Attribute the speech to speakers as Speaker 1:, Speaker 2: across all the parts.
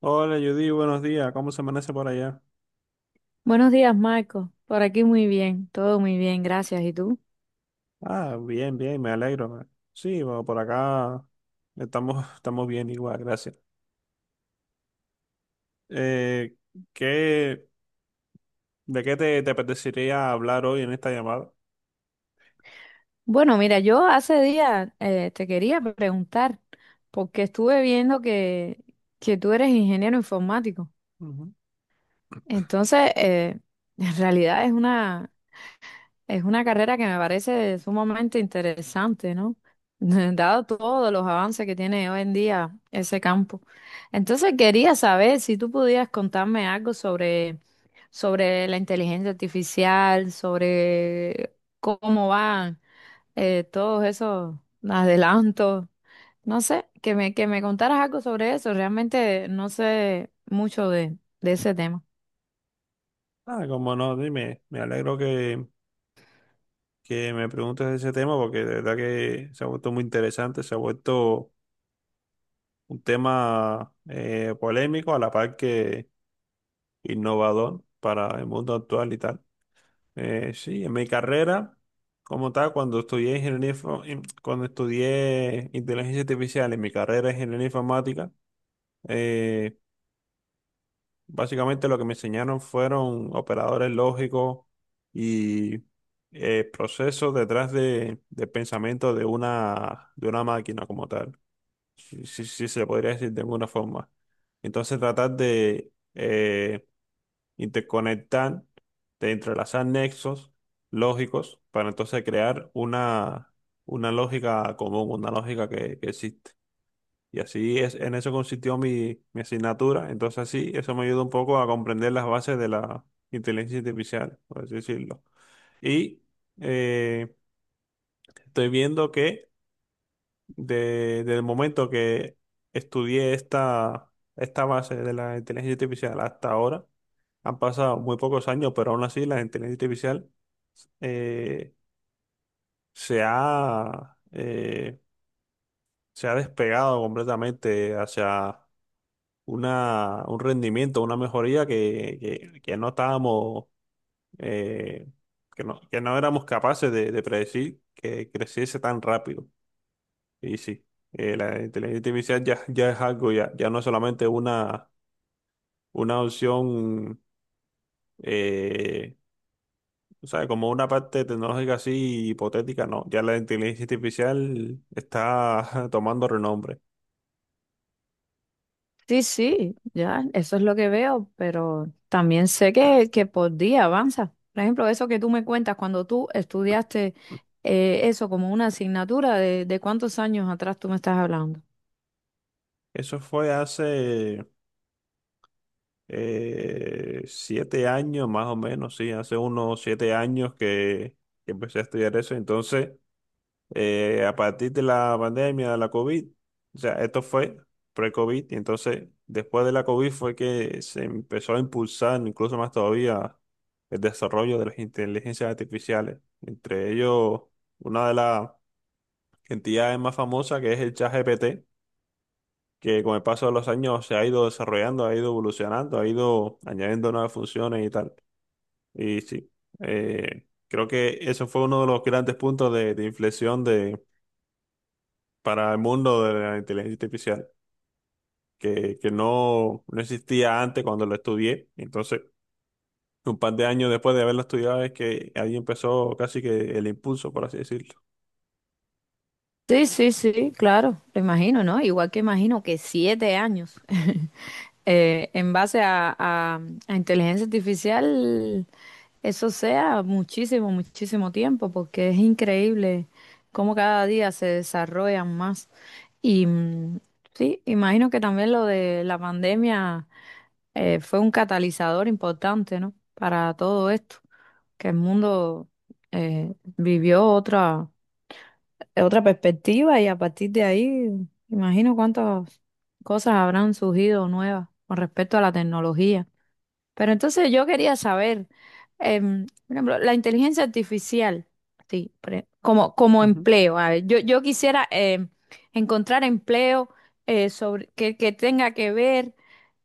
Speaker 1: Hola Judy, buenos días. ¿Cómo se amanece por allá?
Speaker 2: Buenos días, Marco. Por aquí muy bien, todo muy bien, gracias. ¿Y tú?
Speaker 1: Ah, bien, bien, me alegro. Sí, bueno, por acá estamos, estamos bien igual, gracias. Eh, ¿qué, de qué te apetecería hablar hoy en esta llamada?
Speaker 2: Bueno, mira, yo hace días te quería preguntar, porque estuve viendo que tú eres ingeniero informático.
Speaker 1: Ujú.
Speaker 2: Entonces, en realidad es una carrera que me parece sumamente interesante, ¿no? Dado todos los avances que tiene hoy en día ese campo. Entonces quería saber si tú pudieras contarme algo sobre la inteligencia artificial, sobre cómo van todos esos adelantos. No sé, que me contaras algo sobre eso. Realmente no sé mucho de ese tema.
Speaker 1: Ah, como no, dime, me alegro que me preguntes de ese tema porque de verdad que se ha vuelto muy interesante, se ha vuelto un tema polémico a la par que innovador para el mundo actual y tal. Sí, en mi carrera, como tal, cuando estudié ingeniería, info- in- cuando estudié inteligencia artificial en mi carrera de ingeniería informática, eh, básicamente lo que me enseñaron fueron operadores lógicos y procesos detrás del pensamiento de una máquina como tal. Si se podría decir de alguna forma. Entonces, tratar de y te conectan, te entrelazan nexos lógicos para entonces crear una lógica común, una lógica que existe. Y así es, en eso consistió mi asignatura. Entonces así, eso me ayuda un poco a comprender las bases de la inteligencia artificial, por así decirlo. Y eh, Estoy viendo que desde el momento que estudié esta base de la inteligencia artificial hasta ahora, han pasado muy pocos años, pero aún así la inteligencia artificial eh, se ha, eh, se ha despegado completamente hacia un rendimiento, una mejoría que no estábamos, eh, que no éramos capaces de predecir que creciese tan rápido. Y sí, la inteligencia artificial ya ya no es solamente una opción. eh, O sea, como una parte tecnológica así hipotética, no. Ya la inteligencia artificial está tomando renombre.
Speaker 2: Sí, sí, ya, eso es lo que veo, pero también sé que por día avanza. Por ejemplo, eso que tú me cuentas cuando tú estudiaste eso como una asignatura, de cuántos años atrás tú me estás hablando?
Speaker 1: Eso fue hace siete años, más o menos, sí, hace unos siete años que empecé a estudiar eso. Entonces, a partir de la pandemia de la COVID, o sea, esto fue pre-COVID, y entonces después de la COVID fue que se empezó a impulsar incluso más todavía el desarrollo de las inteligencias artificiales, entre ellos una de las entidades más famosas que es el ChatGPT, que con el paso de los años se ha ido desarrollando, ha ido evolucionando, ha ido añadiendo nuevas funciones y tal. Y sí, creo que eso fue uno de los grandes puntos de inflexión de para el mundo de la inteligencia artificial, que no, no existía antes cuando lo estudié. Entonces, un par de años después de haberlo estudiado es que ahí empezó casi que el impulso, por así decirlo.
Speaker 2: Sí, sí, sí, claro, lo imagino, ¿no? Igual que imagino que 7 años en base a inteligencia artificial. Eso sea muchísimo, muchísimo tiempo, porque es increíble cómo cada día se desarrollan más. Y mm, sí, imagino que también lo de la pandemia fue un catalizador importante, ¿no? Para todo esto, que el mundo vivió otra perspectiva y a partir de ahí, imagino cuántas cosas habrán surgido nuevas con respecto a la tecnología. Pero entonces yo quería saber, por ejemplo, la inteligencia artificial, sí, como, como
Speaker 1: Ujú.
Speaker 2: empleo. A ver, yo quisiera encontrar empleo que tenga que ver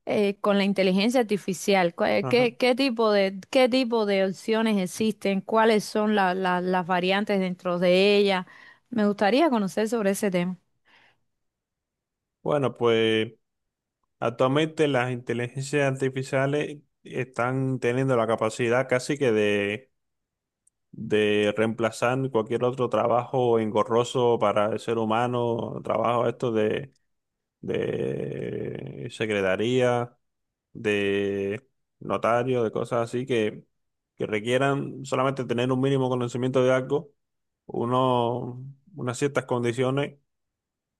Speaker 2: con la inteligencia artificial.
Speaker 1: Ajá.
Speaker 2: ¿Qué, qué tipo de opciones existen? ¿Cuáles son las variantes dentro de ella? Me gustaría conocer sobre ese tema.
Speaker 1: Bueno, pues actualmente las inteligencias artificiales están teniendo la capacidad casi que de reemplazar cualquier otro trabajo engorroso para el ser humano, trabajo esto de secretaría de notario, de cosas así que requieran solamente tener un mínimo conocimiento de algo, uno, unas ciertas condiciones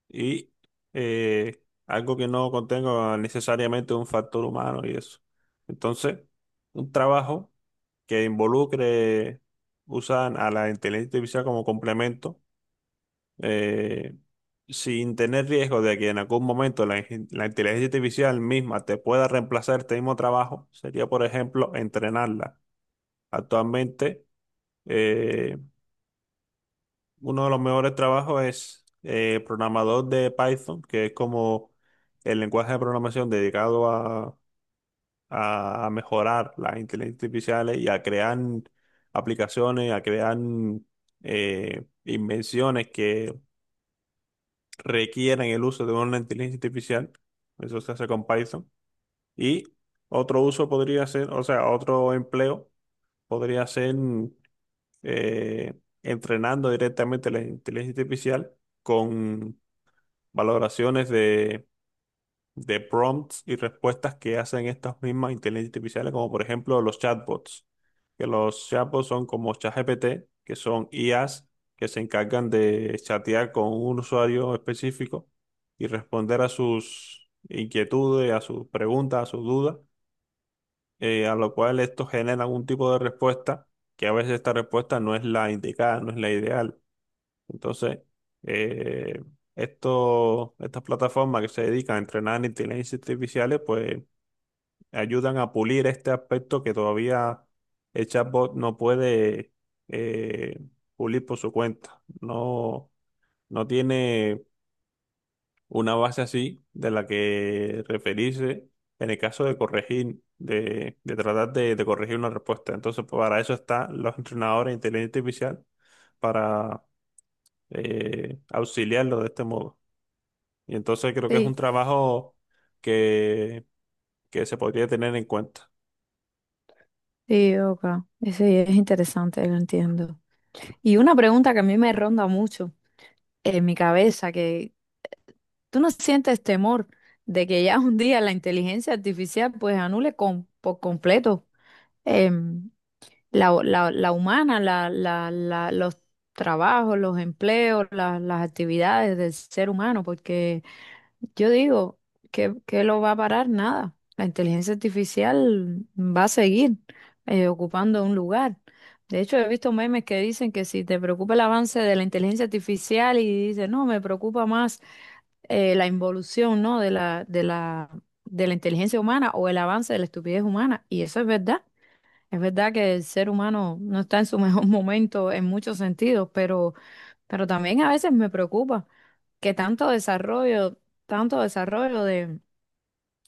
Speaker 1: y eh, algo que no contenga necesariamente un factor humano y eso. Entonces, un trabajo que involucre, usan a la inteligencia artificial como complemento eh, sin tener riesgo de que en algún momento la inteligencia artificial misma te pueda reemplazar este mismo trabajo, sería, por ejemplo, entrenarla. Actualmente, eh, uno de los mejores trabajos es programador de Python, que es como el lenguaje de programación dedicado a mejorar las inteligencias artificiales y a crear aplicaciones, a crear invenciones requieren el uso de una inteligencia artificial, eso se hace con Python, y otro uso podría ser, o sea, otro empleo podría ser eh, entrenando directamente la inteligencia artificial con valoraciones de prompts y respuestas que hacen estas mismas inteligencias artificiales, como por ejemplo los chatbots, que los chatbots son como ChatGPT, que son IAs que se encargan de chatear con un usuario específico y responder a sus inquietudes, a sus preguntas, a sus dudas, a lo cual esto genera algún tipo de respuesta, que a veces esta respuesta no es la indicada, no es la ideal. Entonces, eh, estas plataformas que se dedican a entrenar en inteligencias artificiales, pues ayudan a pulir este aspecto que todavía el chatbot no puede eh, pulir por su cuenta. No, no tiene una base así de la que referirse en el caso de corregir, de corregir una respuesta. Entonces, pues, para eso están los entrenadores de inteligencia artificial, para auxiliarlo de este modo. Y entonces creo que es un
Speaker 2: Sí,
Speaker 1: trabajo que, que se podría tener en cuenta.
Speaker 2: sí, ok. Sí, es interesante, lo entiendo. Y una pregunta que a mí me ronda mucho en mi cabeza, que tú no sientes temor de que ya un día la inteligencia artificial pues anule con, por completo em, la, la humana, la, los trabajos, los empleos, las actividades del ser humano, porque yo digo que lo va a parar nada. La inteligencia artificial va a seguir ocupando un lugar. De hecho, he visto memes que dicen que si te preocupa el avance de la inteligencia artificial y dices, no, me preocupa más la involución, ¿no? de de la inteligencia humana o el avance de la estupidez humana. Y eso es verdad. Es verdad que el ser humano no está en su mejor momento en muchos sentidos, pero también a veces me preocupa que tanto desarrollo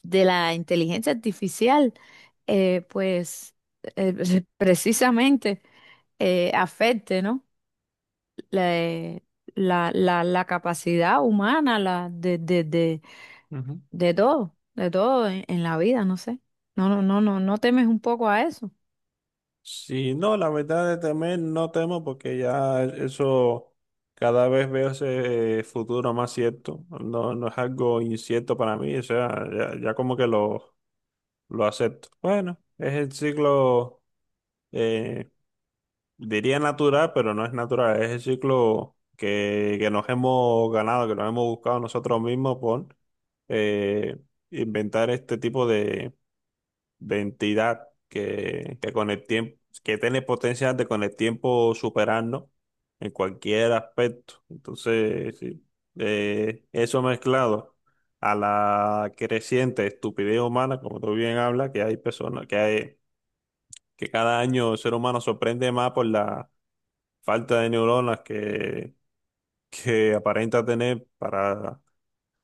Speaker 2: de la inteligencia artificial, eh, pues precisamente afecte, ¿no? La, eh, la capacidad humana de
Speaker 1: Ujú.
Speaker 2: De todo en la vida, no sé. No, no, no, no, no temes un poco a eso.
Speaker 1: Sí, no, la verdad es también no temo porque ya eso cada vez veo ese futuro más cierto. No, no es algo incierto para mí, o sea, ya como que lo acepto. Bueno, es el ciclo eh, diría natural, pero no es natural. Es el ciclo que nos hemos ganado, que nos hemos buscado nosotros mismos por eh, inventar este tipo de entidad que con el tiempo, que tiene potencial de con el tiempo superarnos en cualquier aspecto. Entonces, sí, eso mezclado a la creciente estupidez humana, como tú bien hablas, que hay personas, que cada año el ser humano sorprende más por la falta de neuronas que aparenta tener para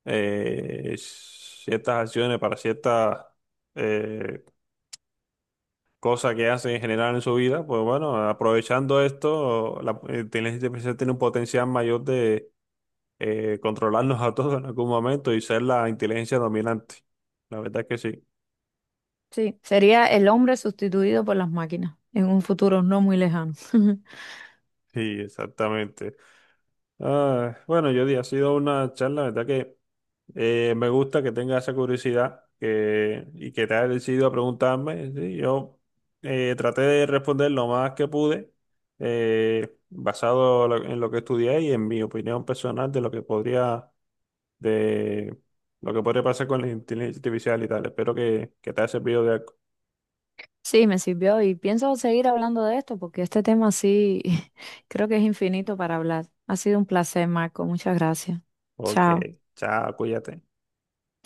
Speaker 1: ciertas acciones, para ciertas eh, cosas que hace en general en su vida, pues bueno, aprovechando esto, la inteligencia artificial tiene un potencial mayor de controlarnos a todos en algún momento y ser la inteligencia dominante. La verdad que sí.
Speaker 2: Sí, sería el hombre sustituido por las máquinas en un futuro no muy lejano.
Speaker 1: Sí, exactamente. Ah, bueno, Jody, ha sido una charla, la verdad que me gusta que tenga esa curiosidad y que te haya decidido a preguntarme. ¿Sí? Yo traté de responder lo más que pude, en lo que estudié y en mi opinión personal de lo que podría, de lo que podría pasar con la inteligencia artificial y tal. Espero que te haya servido de algo.
Speaker 2: Sí, me sirvió y pienso seguir hablando de esto porque este tema sí creo que es infinito para hablar. Ha sido un placer, Marco. Muchas gracias.
Speaker 1: Ok,
Speaker 2: Chao.
Speaker 1: chao, cuídate.